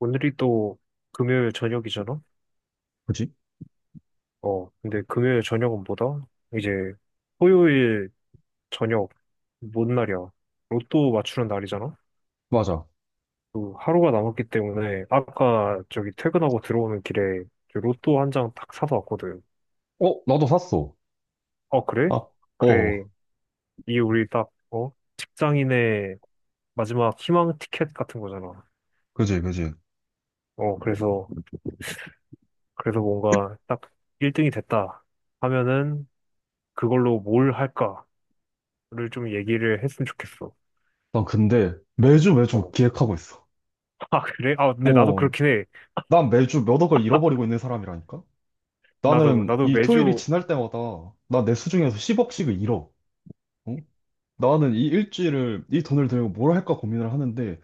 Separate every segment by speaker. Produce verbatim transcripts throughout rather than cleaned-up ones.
Speaker 1: 오늘이 또 금요일 저녁이잖아?
Speaker 2: 그지?
Speaker 1: 어, 근데 금요일 저녁은 뭐다? 이제 토요일 저녁, 뭔 날이야? 로또 맞추는 날이잖아?
Speaker 2: 맞아.
Speaker 1: 또 하루가 남았기 때문에 아까 저기 퇴근하고 들어오는 길에 저 로또 한 장 딱 사서 왔거든.
Speaker 2: 어, 나도 샀어.
Speaker 1: 어, 그래?
Speaker 2: 아,
Speaker 1: 그래.
Speaker 2: 어,
Speaker 1: 이 우리 딱, 어? 직장인의 마지막 희망 티켓 같은 거잖아.
Speaker 2: 그지, 그지.
Speaker 1: 어, 그래서, 그래서 뭔가 딱 일 등이 됐다 하면은 그걸로 뭘 할까? 를 좀 얘기를 했으면 좋겠어.
Speaker 2: 난 근데 매주 매주
Speaker 1: 어.
Speaker 2: 기획하고 있어.
Speaker 1: 아, 그래? 아, 근데 나도
Speaker 2: 어,
Speaker 1: 그렇긴 해.
Speaker 2: 난 매주 몇 억을 잃어버리고 있는 사람이라니까?
Speaker 1: 나도,
Speaker 2: 나는
Speaker 1: 나도
Speaker 2: 이 토요일이
Speaker 1: 매주,
Speaker 2: 지날 때마다 나 내 수중에서 십억씩을 잃어. 어? 나는 이 일주일을 이 돈을 들고 뭘 할까 고민을 하는데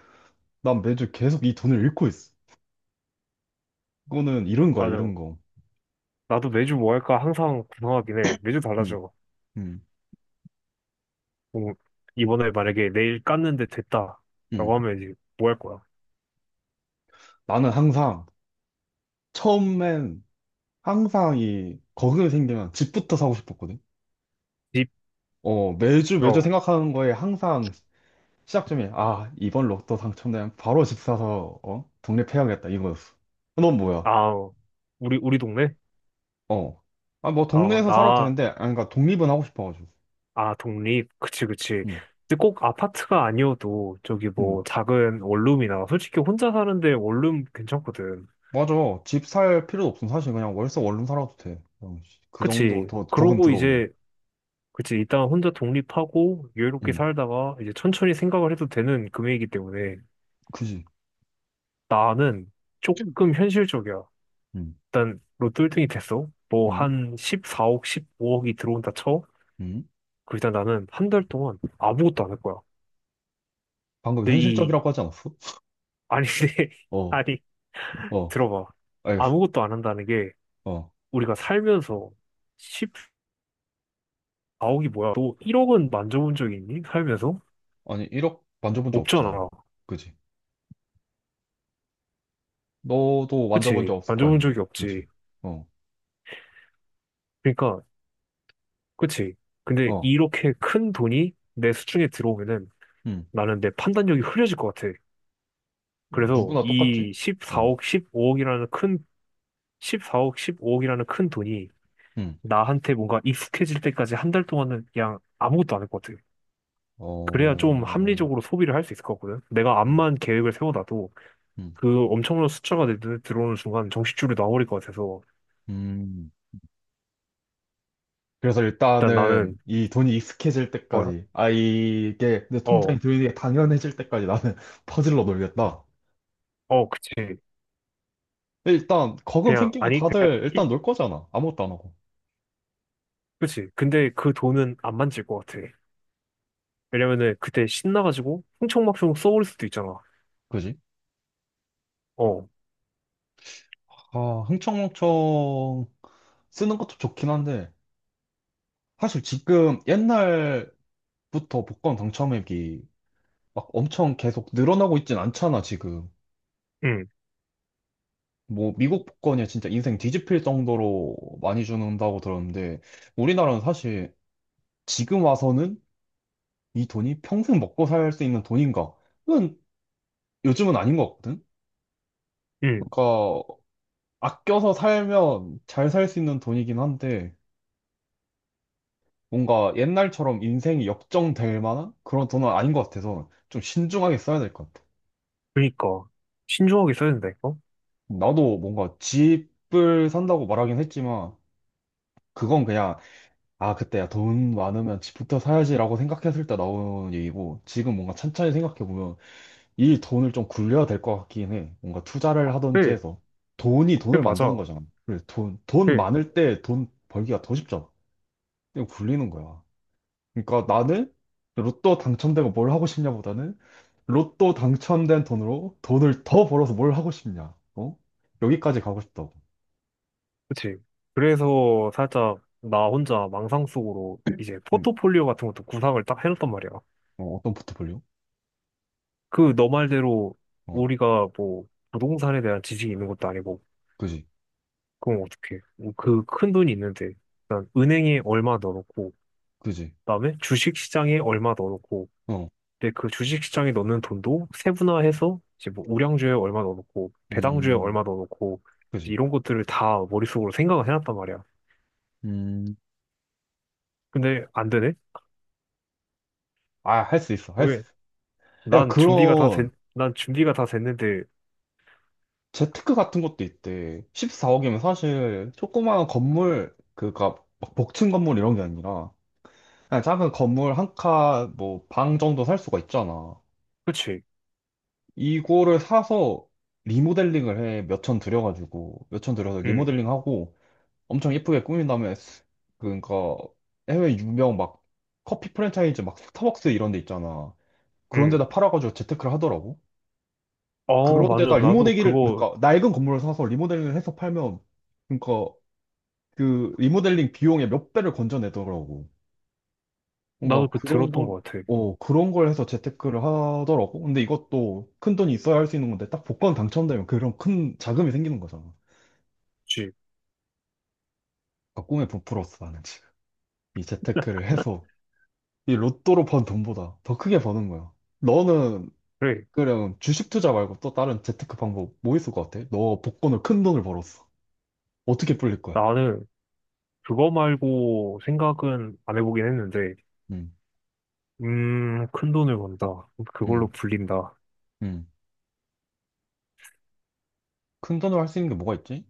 Speaker 2: 난 매주 계속 이 돈을 잃고 있어. 이거는 잃은 거야,
Speaker 1: 맞아.
Speaker 2: 잃은 거.
Speaker 1: 나도 매주 뭐 할까 항상 구성하긴 해. 매주
Speaker 2: 음,
Speaker 1: 달라져.
Speaker 2: 음,
Speaker 1: 뭐, 이번에 만약에 내일 깠는데 됐다. 라고
Speaker 2: 음.
Speaker 1: 하면 이제 뭐 할 거야?
Speaker 2: 나는 항상 처음엔 항상 이 거금이 생기면 집부터 사고 싶었거든.
Speaker 1: 집,
Speaker 2: 어, 매주 매주
Speaker 1: 어,
Speaker 2: 생각하는 거에 항상 시작점이, 아, 이번 로또 당첨되면 바로 집 사서, 어, 독립해야겠다, 이거였어. 어, 넌 뭐야?
Speaker 1: 아, 어. 우리, 우리 동네?
Speaker 2: 어. 아, 뭐,
Speaker 1: 아,
Speaker 2: 동네에서 살아도
Speaker 1: 나,
Speaker 2: 되는데, 아, 그러니까 독립은 하고 싶어가지고.
Speaker 1: 아, 독립. 그치, 그치.
Speaker 2: 응,
Speaker 1: 근데 꼭 아파트가 아니어도 저기
Speaker 2: 응.
Speaker 1: 뭐 작은 원룸이나 솔직히 혼자 사는데 원룸 괜찮거든.
Speaker 2: 맞아. 집 살 필요도 없음. 사실 그냥 월세 원룸 살아도 돼. 그냥 씨, 그 정도
Speaker 1: 그치.
Speaker 2: 더 거금
Speaker 1: 그러고
Speaker 2: 들어오면.
Speaker 1: 이제 그치, 일단 혼자 독립하고 여유롭게
Speaker 2: 응,
Speaker 1: 살다가 이제 천천히 생각을 해도 되는 금액이기 때문에
Speaker 2: 그지.
Speaker 1: 나는 조금 현실적이야.
Speaker 2: 응,
Speaker 1: 일단 로또 일 등이 됐어. 뭐
Speaker 2: 응,
Speaker 1: 한 십사 억, 십오 억이 들어온다 쳐.
Speaker 2: 응.
Speaker 1: 그 일단 나는 한 달 동안 아무것도 안 할 거야.
Speaker 2: 방금
Speaker 1: 근데 이,
Speaker 2: 현실적이라고 하지 않았어?
Speaker 1: 아니, 근데
Speaker 2: 어,
Speaker 1: 아니,
Speaker 2: 어,
Speaker 1: 들어봐.
Speaker 2: 알겠어.
Speaker 1: 아무것도 안 한다는 게
Speaker 2: 어.
Speaker 1: 우리가 살면서 십사 억이 뭐야? 너 일 억은 만져본 적이 있니? 살면서?
Speaker 2: 아니, 일억 만져본 적 없지, 나는.
Speaker 1: 없잖아.
Speaker 2: 그지? 너도 만져본
Speaker 1: 그치?
Speaker 2: 적 없을 거
Speaker 1: 만져본
Speaker 2: 아니야.
Speaker 1: 적이 없지.
Speaker 2: 그지? 어,
Speaker 1: 그러니까 그치? 근데
Speaker 2: 어,
Speaker 1: 이렇게 큰 돈이 내 수중에 들어오면은
Speaker 2: 음.
Speaker 1: 나는 내 판단력이 흐려질 것 같아. 그래서
Speaker 2: 누구나 똑같지?
Speaker 1: 이
Speaker 2: 어,
Speaker 1: 십사 억, 십오 억이라는 큰, 십사 억, 십오 억이라는 큰 돈이
Speaker 2: 음.
Speaker 1: 나한테 뭔가 익숙해질 때까지 한 달 동안은 그냥 아무것도 안 할 것 같아. 그래야
Speaker 2: 어,
Speaker 1: 좀
Speaker 2: 음,
Speaker 1: 합리적으로 소비를 할 수 있을 것 같거든. 내가
Speaker 2: 음,
Speaker 1: 암만 계획을 세워놔도 그 엄청난 숫자가 내 눈에 들어오는 순간 정신줄이 나와버릴 것 같아서
Speaker 2: 음. 그래서
Speaker 1: 일단
Speaker 2: 일단은
Speaker 1: 나는,
Speaker 2: 이 돈이 익숙해질
Speaker 1: 어,
Speaker 2: 때까지, 아, 이게 내
Speaker 1: 어,
Speaker 2: 통장에 돈이 당연해질 때까지 나는 퍼질러 놀겠다.
Speaker 1: 어, 그치.
Speaker 2: 일단, 거금
Speaker 1: 그냥,
Speaker 2: 생기면
Speaker 1: 아니, 그냥,
Speaker 2: 다들
Speaker 1: 이-
Speaker 2: 일단 놀 거잖아. 아무것도 안 하고.
Speaker 1: 그치. 근데 그 돈은 안 만질 것 같아. 왜냐면은 그때 신나가지고 흥청망청 써버릴 수도 있잖아.
Speaker 2: 그지?
Speaker 1: 어,
Speaker 2: 아, 흥청망청 쓰는 것도 좋긴 한데, 사실 지금 옛날부터 복권 당첨액이 막 엄청 계속 늘어나고 있진 않잖아, 지금.
Speaker 1: 응,
Speaker 2: 뭐, 미국 복권이 진짜 인생 뒤집힐 정도로 많이 주는다고 들었는데, 우리나라는 사실 지금 와서는 이 돈이 평생 먹고 살 수 있는 돈인가? 그건 요즘은 아닌 것 같거든?
Speaker 1: 응.
Speaker 2: 그러니까, 아껴서 살면 잘 살 수 있는 돈이긴 한데, 뭔가 옛날처럼 인생이 역정될 만한 그런 돈은 아닌 것 같아서 좀 신중하게 써야 될 것 같아.
Speaker 1: 그니까 신중하게 써야 된다니까.
Speaker 2: 나도 뭔가 집을 산다고 말하긴 했지만, 그건 그냥 아, 그때야 돈 많으면 집부터 사야지라고 생각했을 때 나온 얘기고, 지금 뭔가 천천히 생각해보면 이 돈을 좀 굴려야 될 것 같긴 해. 뭔가 투자를 하든지
Speaker 1: 그래,
Speaker 2: 해서. 돈이
Speaker 1: 그래
Speaker 2: 돈을 만드는
Speaker 1: 맞아.
Speaker 2: 거잖아. 그래, 돈, 돈
Speaker 1: 그래,
Speaker 2: 많을 때 돈 벌기가 더 쉽잖아. 그냥 굴리는 거야. 그러니까 나는 로또 당첨되고 뭘 하고 싶냐보다는 로또 당첨된 돈으로 돈을 더 벌어서 뭘 하고 싶냐. 어? 여기까지 가고 싶다고.
Speaker 1: 그치. 그래서 살짝 나 혼자 망상 속으로 이제
Speaker 2: 음.
Speaker 1: 포트폴리오 같은 것도 구상을 딱 해놨단 말이야.
Speaker 2: 어, 어떤 포트폴리오?
Speaker 1: 그 너 말대로
Speaker 2: 어,
Speaker 1: 우리가 뭐 부동산에 대한 지식이 있는 것도 아니고
Speaker 2: 그지,
Speaker 1: 그럼 어떡해. 뭐 그큰 돈이 있는데 일단 은행에 얼마 넣어놓고
Speaker 2: 그지.
Speaker 1: 그다음에 주식시장에 얼마 넣어놓고
Speaker 2: 어,
Speaker 1: 근데 그 주식시장에 넣는 돈도 세분화해서 이제 뭐 우량주에 얼마 넣어놓고 배당주에
Speaker 2: 음,
Speaker 1: 얼마 넣어놓고 이제
Speaker 2: 그지.
Speaker 1: 이런 것들을 다 머릿속으로 생각을 해놨단 말이야.
Speaker 2: 음,
Speaker 1: 근데 안 되네?
Speaker 2: 아, 할 수 있어, 할 수
Speaker 1: 왜?
Speaker 2: 있어. 야,
Speaker 1: 난 준비가 다
Speaker 2: 그런
Speaker 1: 된, 난 준비가 다 됐는데,
Speaker 2: 재테크 같은 것도 있대. 십사억이면 사실 조그마한 건물, 그니까 복층 건물 이런 게 아니라 그냥 작은 건물 한 칸, 뭐 방 정도 살 수가 있잖아.
Speaker 1: 그치?
Speaker 2: 이거를 사서 리모델링을 해. 몇 천 들여가지고 몇 천 들여서
Speaker 1: 응,
Speaker 2: 리모델링하고 엄청 예쁘게 꾸민 다음에 그러니까 해외 유명 막 커피 프랜차이즈 막 스타벅스 이런 데 있잖아. 그런
Speaker 1: 응.
Speaker 2: 데다 팔아가지고 재테크를 하더라고.
Speaker 1: 어, 맞아.
Speaker 2: 그런데다
Speaker 1: 나도
Speaker 2: 리모델링을
Speaker 1: 그거,
Speaker 2: 그러니까 낡은 건물을 사서 리모델링을 해서 팔면 그러니까 그 리모델링 비용의 몇 배를 건져내더라고.
Speaker 1: 나도
Speaker 2: 뭔가
Speaker 1: 그
Speaker 2: 그런
Speaker 1: 들었던
Speaker 2: 걸,
Speaker 1: 것 같아.
Speaker 2: 어, 그런 걸 해서 재테크를 하더라고. 근데 이것도 큰 돈이 있어야 할 수 있는 건데 딱 복권 당첨되면 그런 큰 자금이 생기는 거잖아.
Speaker 1: 그치?
Speaker 2: 그러니까 꿈에 부풀었어 나는 지금. 이 재테크를 해서 이 로또로 번 돈보다 더 크게 버는 거야. 너는
Speaker 1: 그래.
Speaker 2: 그냥 주식 투자 말고 또 다른 재테크 방법 뭐 있을 것 같아? 너 복권을 큰 돈을 벌었어. 어떻게 불릴 거야?
Speaker 1: 나는 그거 말고 생각은 안 해보긴 했는데,
Speaker 2: 응,
Speaker 1: 음, 큰 돈을 번다.
Speaker 2: 응.
Speaker 1: 그걸로 불린다.
Speaker 2: 음. 큰 돈으로 할 수 있는 게 뭐가 있지?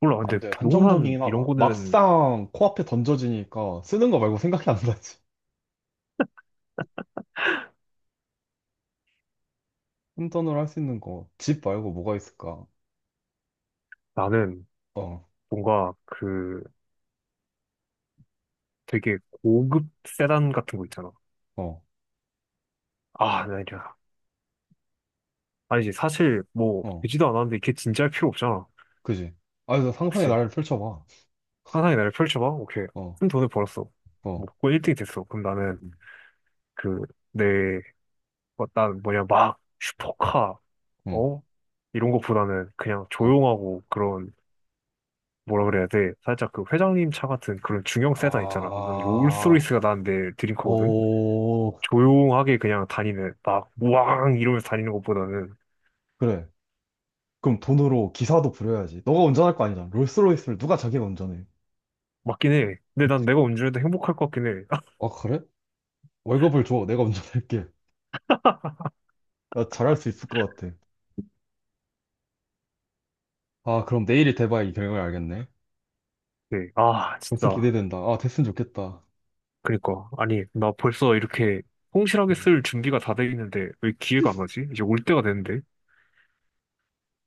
Speaker 1: 몰라. 근데
Speaker 2: 안 돼.
Speaker 1: 부동산
Speaker 2: 한정적이긴
Speaker 1: 이런
Speaker 2: 하다.
Speaker 1: 거는
Speaker 2: 막상 코앞에 던져지니까 쓰는 거 말고 생각이 안 나지. 큰 돈으로 할 수 있는 거. 집 말고 뭐가 있을까?
Speaker 1: 나는
Speaker 2: 어,
Speaker 1: 뭔가 그 되게 고급 세단 같은 거 있잖아.
Speaker 2: 어,
Speaker 1: 아, 나 이제 아니지 사실 뭐
Speaker 2: 어.
Speaker 1: 되지도 않았는데 이게 진짜 할 필요 없잖아.
Speaker 2: 그지? 아, 너 상상의
Speaker 1: 그치?
Speaker 2: 나를 펼쳐봐.
Speaker 1: 상상의 나를 펼쳐봐. 오케이.
Speaker 2: 어,
Speaker 1: 큰 돈을 벌었어.
Speaker 2: 어,
Speaker 1: 뭐고 일 등이 됐어. 그럼 나는
Speaker 2: 음,
Speaker 1: 그 내 뭐, 난 뭐냐 막 슈퍼카
Speaker 2: 어,
Speaker 1: 어 이런 거보다는 그냥
Speaker 2: 어.
Speaker 1: 조용하고 그런 뭐라 그래야 돼. 살짝 그 회장님 차 같은 그런 중형 세단 있잖아. 난
Speaker 2: 아,
Speaker 1: 롤스로이스가 난내 드림카거든.
Speaker 2: 오,
Speaker 1: 조용하게 그냥 다니는 막 우왕 이러면서 다니는 것보다는
Speaker 2: 그래. 그럼 돈으로 기사도 부려야지. 너가 운전할 거 아니잖아. 롤스로이스를 누가 자기가 운전해?
Speaker 1: 맞긴 해. 근데 난 내가 운전해도 행복할 것 같긴 해.
Speaker 2: 아, 그래? 월급을 줘. 내가 운전할게. 나 잘할 수 있을 것 같아. 아, 그럼 내일이 대박 이 경영을 알겠네.
Speaker 1: 네. 아,
Speaker 2: 데슨
Speaker 1: 진짜.
Speaker 2: 기대된다. 아, 데슨 좋겠다.
Speaker 1: 그니까. 아니, 나 벌써 이렇게 성실하게
Speaker 2: 음.
Speaker 1: 쓸 준비가 다 돼 있는데 왜 기회가 안 오지? 이제 올 때가 됐는데.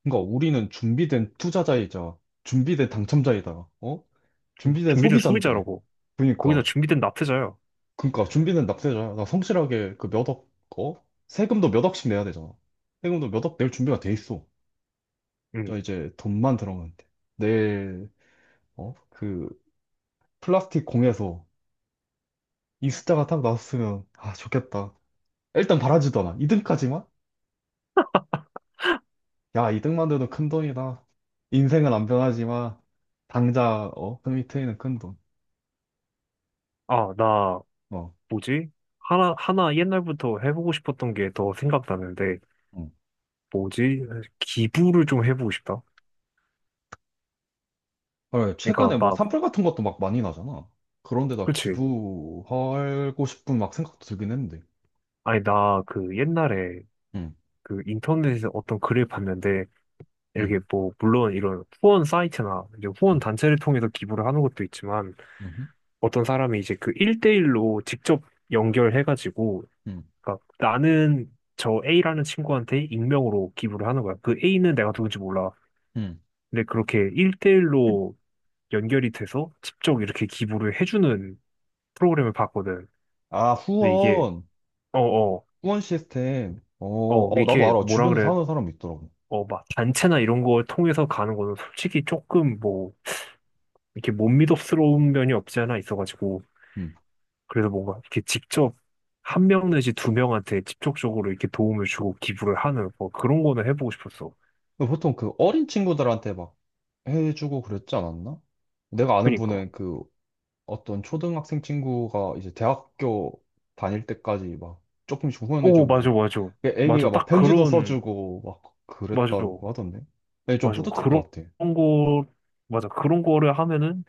Speaker 2: 그러니까 우리는 준비된 투자자이자 준비된 당첨자이다. 어?
Speaker 1: 준-
Speaker 2: 준비된
Speaker 1: 준비된
Speaker 2: 소비자인데.
Speaker 1: 소비자라고.
Speaker 2: 그러니까
Speaker 1: 거기다 준비된 납세자야.
Speaker 2: 그러니까 준비된 납세자야. 나 성실하게 그 몇 억, 어? 세금도 몇 억씩 내야 되잖아. 세금도 몇 억 낼 준비가 돼 있어. 자,
Speaker 1: 응.
Speaker 2: 이제 돈만 들어가면 돼. 내일 어? 그 플라스틱 공에서 이 숫자가 딱 나왔으면 아, 좋겠다. 일단 바라지도 않아. 이등까지만 야, 이득만 돼도 큰돈이다. 인생은 안 변하지만, 당장, 어, 흠이 트이는 큰돈.
Speaker 1: 아, 나,
Speaker 2: 어.
Speaker 1: 뭐지? 하나, 하나 옛날부터 해보고 싶었던 게 더 생각나는데,
Speaker 2: 응.
Speaker 1: 뭐지? 기부를 좀 해보고 싶다.
Speaker 2: 헐,
Speaker 1: 그러니까
Speaker 2: 최근에 뭐
Speaker 1: 막,
Speaker 2: 산불 같은 것도 막 많이 나잖아. 그런데다
Speaker 1: 그치.
Speaker 2: 기부하고 싶은 막 생각도 들긴 했는데.
Speaker 1: 아니, 나 그 옛날에
Speaker 2: 응.
Speaker 1: 그 인터넷에서 어떤 글을 봤는데,
Speaker 2: 응.
Speaker 1: 이렇게 뭐 물론 이런 후원 사이트나 이제 후원
Speaker 2: 응.
Speaker 1: 단체를 통해서 기부를 하는 것도 있지만
Speaker 2: 응.
Speaker 1: 어떤 사람이 이제 그일대일로 직접 연결해가지고
Speaker 2: 응.
Speaker 1: 그러니까 나는 저 에이라는 친구한테 익명으로 기부를 하는 거야. 그 에이는 내가 누군지 몰라.
Speaker 2: 응.
Speaker 1: 근데 그렇게 일대일로 연결이 돼서 직접 이렇게 기부를 해주는 프로그램을 봤거든.
Speaker 2: 아,
Speaker 1: 근데 이게
Speaker 2: 후원.
Speaker 1: 어어어
Speaker 2: 후원 시스템. 어, 어, 나도
Speaker 1: 이렇게
Speaker 2: 알아.
Speaker 1: 뭐라
Speaker 2: 주변에서
Speaker 1: 그래
Speaker 2: 하는 사람 있더라고.
Speaker 1: 어막 단체나 이런 걸 통해서 가는 거는 솔직히 조금 뭐 이렇게 못믿음스러운 면이 없지 않아 있어가지고
Speaker 2: 응.
Speaker 1: 그래서 뭔가 이렇게 직접 한 명 내지 두 명한테 직접적으로 이렇게 도움을 주고 기부를 하는 뭐 그런 거는 해보고 싶었어.
Speaker 2: 근데 보통 그 어린 친구들한테 막 해주고 그랬지 않았나? 내가 아는
Speaker 1: 그니까.
Speaker 2: 분은 그 어떤 초등학생 친구가 이제 대학교 다닐 때까지 막 조금씩
Speaker 1: 오, 맞아,
Speaker 2: 후원해주고
Speaker 1: 맞아.
Speaker 2: 그
Speaker 1: 맞아.
Speaker 2: 애기가 막
Speaker 1: 딱
Speaker 2: 편지도
Speaker 1: 그런,
Speaker 2: 써주고 막
Speaker 1: 맞아.
Speaker 2: 그랬다고 하던데 근데 좀
Speaker 1: 맞아.
Speaker 2: 뿌듯할
Speaker 1: 그런
Speaker 2: 것 같아
Speaker 1: 거, 맞아. 그런 거를 하면은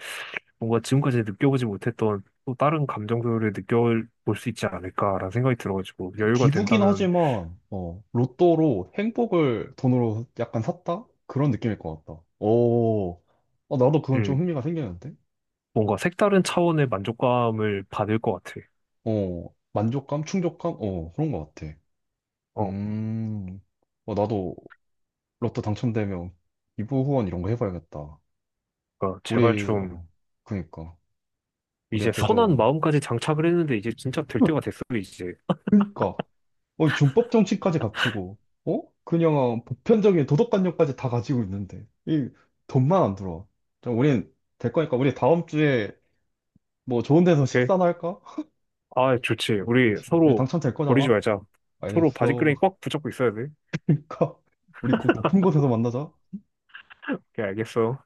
Speaker 1: 뭔가 지금까지 느껴보지 못했던 또 다른 감정들을 느껴볼 수 있지 않을까라는 생각이 들어가지고 여유가
Speaker 2: 기부긴
Speaker 1: 된다면,
Speaker 2: 하지만 어 로또로 행복을 돈으로 약간 샀다 그런 느낌일 것 같다 오 어, 나도 그건 좀
Speaker 1: 음,
Speaker 2: 흥미가 생기는데
Speaker 1: 뭔가 색다른 차원의 만족감을 받을 것 같아.
Speaker 2: 어 만족감 충족감 어 그런 것 같아
Speaker 1: 어,
Speaker 2: 음어 나도 로또 당첨되면 기부 후원 이런 거 해봐야겠다
Speaker 1: 그러니까 제발
Speaker 2: 우리,
Speaker 1: 좀
Speaker 2: 어, 그니까.
Speaker 1: 이제
Speaker 2: 우리한테
Speaker 1: 선한
Speaker 2: 좀,
Speaker 1: 마음까지 장착을 했는데 이제 진짜 될
Speaker 2: 어,
Speaker 1: 때가 됐어, 이제.
Speaker 2: 그니까. 어, 준법 정신까지 갖추고, 어? 그냥 보편적인 도덕관념까지 다 가지고 있는데, 이 돈만 안 들어와. 좀 우린 될 거니까, 우리 다음 주에 뭐 좋은 데서
Speaker 1: 오케이?
Speaker 2: 식사나 할까?
Speaker 1: 아, 좋지. 우리
Speaker 2: 우리
Speaker 1: 서로
Speaker 2: 당첨될
Speaker 1: 버리지
Speaker 2: 거잖아.
Speaker 1: 말자. 서로 바지끄레기
Speaker 2: 알겠어.
Speaker 1: 꽉 붙잡고 있어야 돼.
Speaker 2: 그니까, 우리 곧 높은 곳에서 만나자.
Speaker 1: 오케이, 알겠어.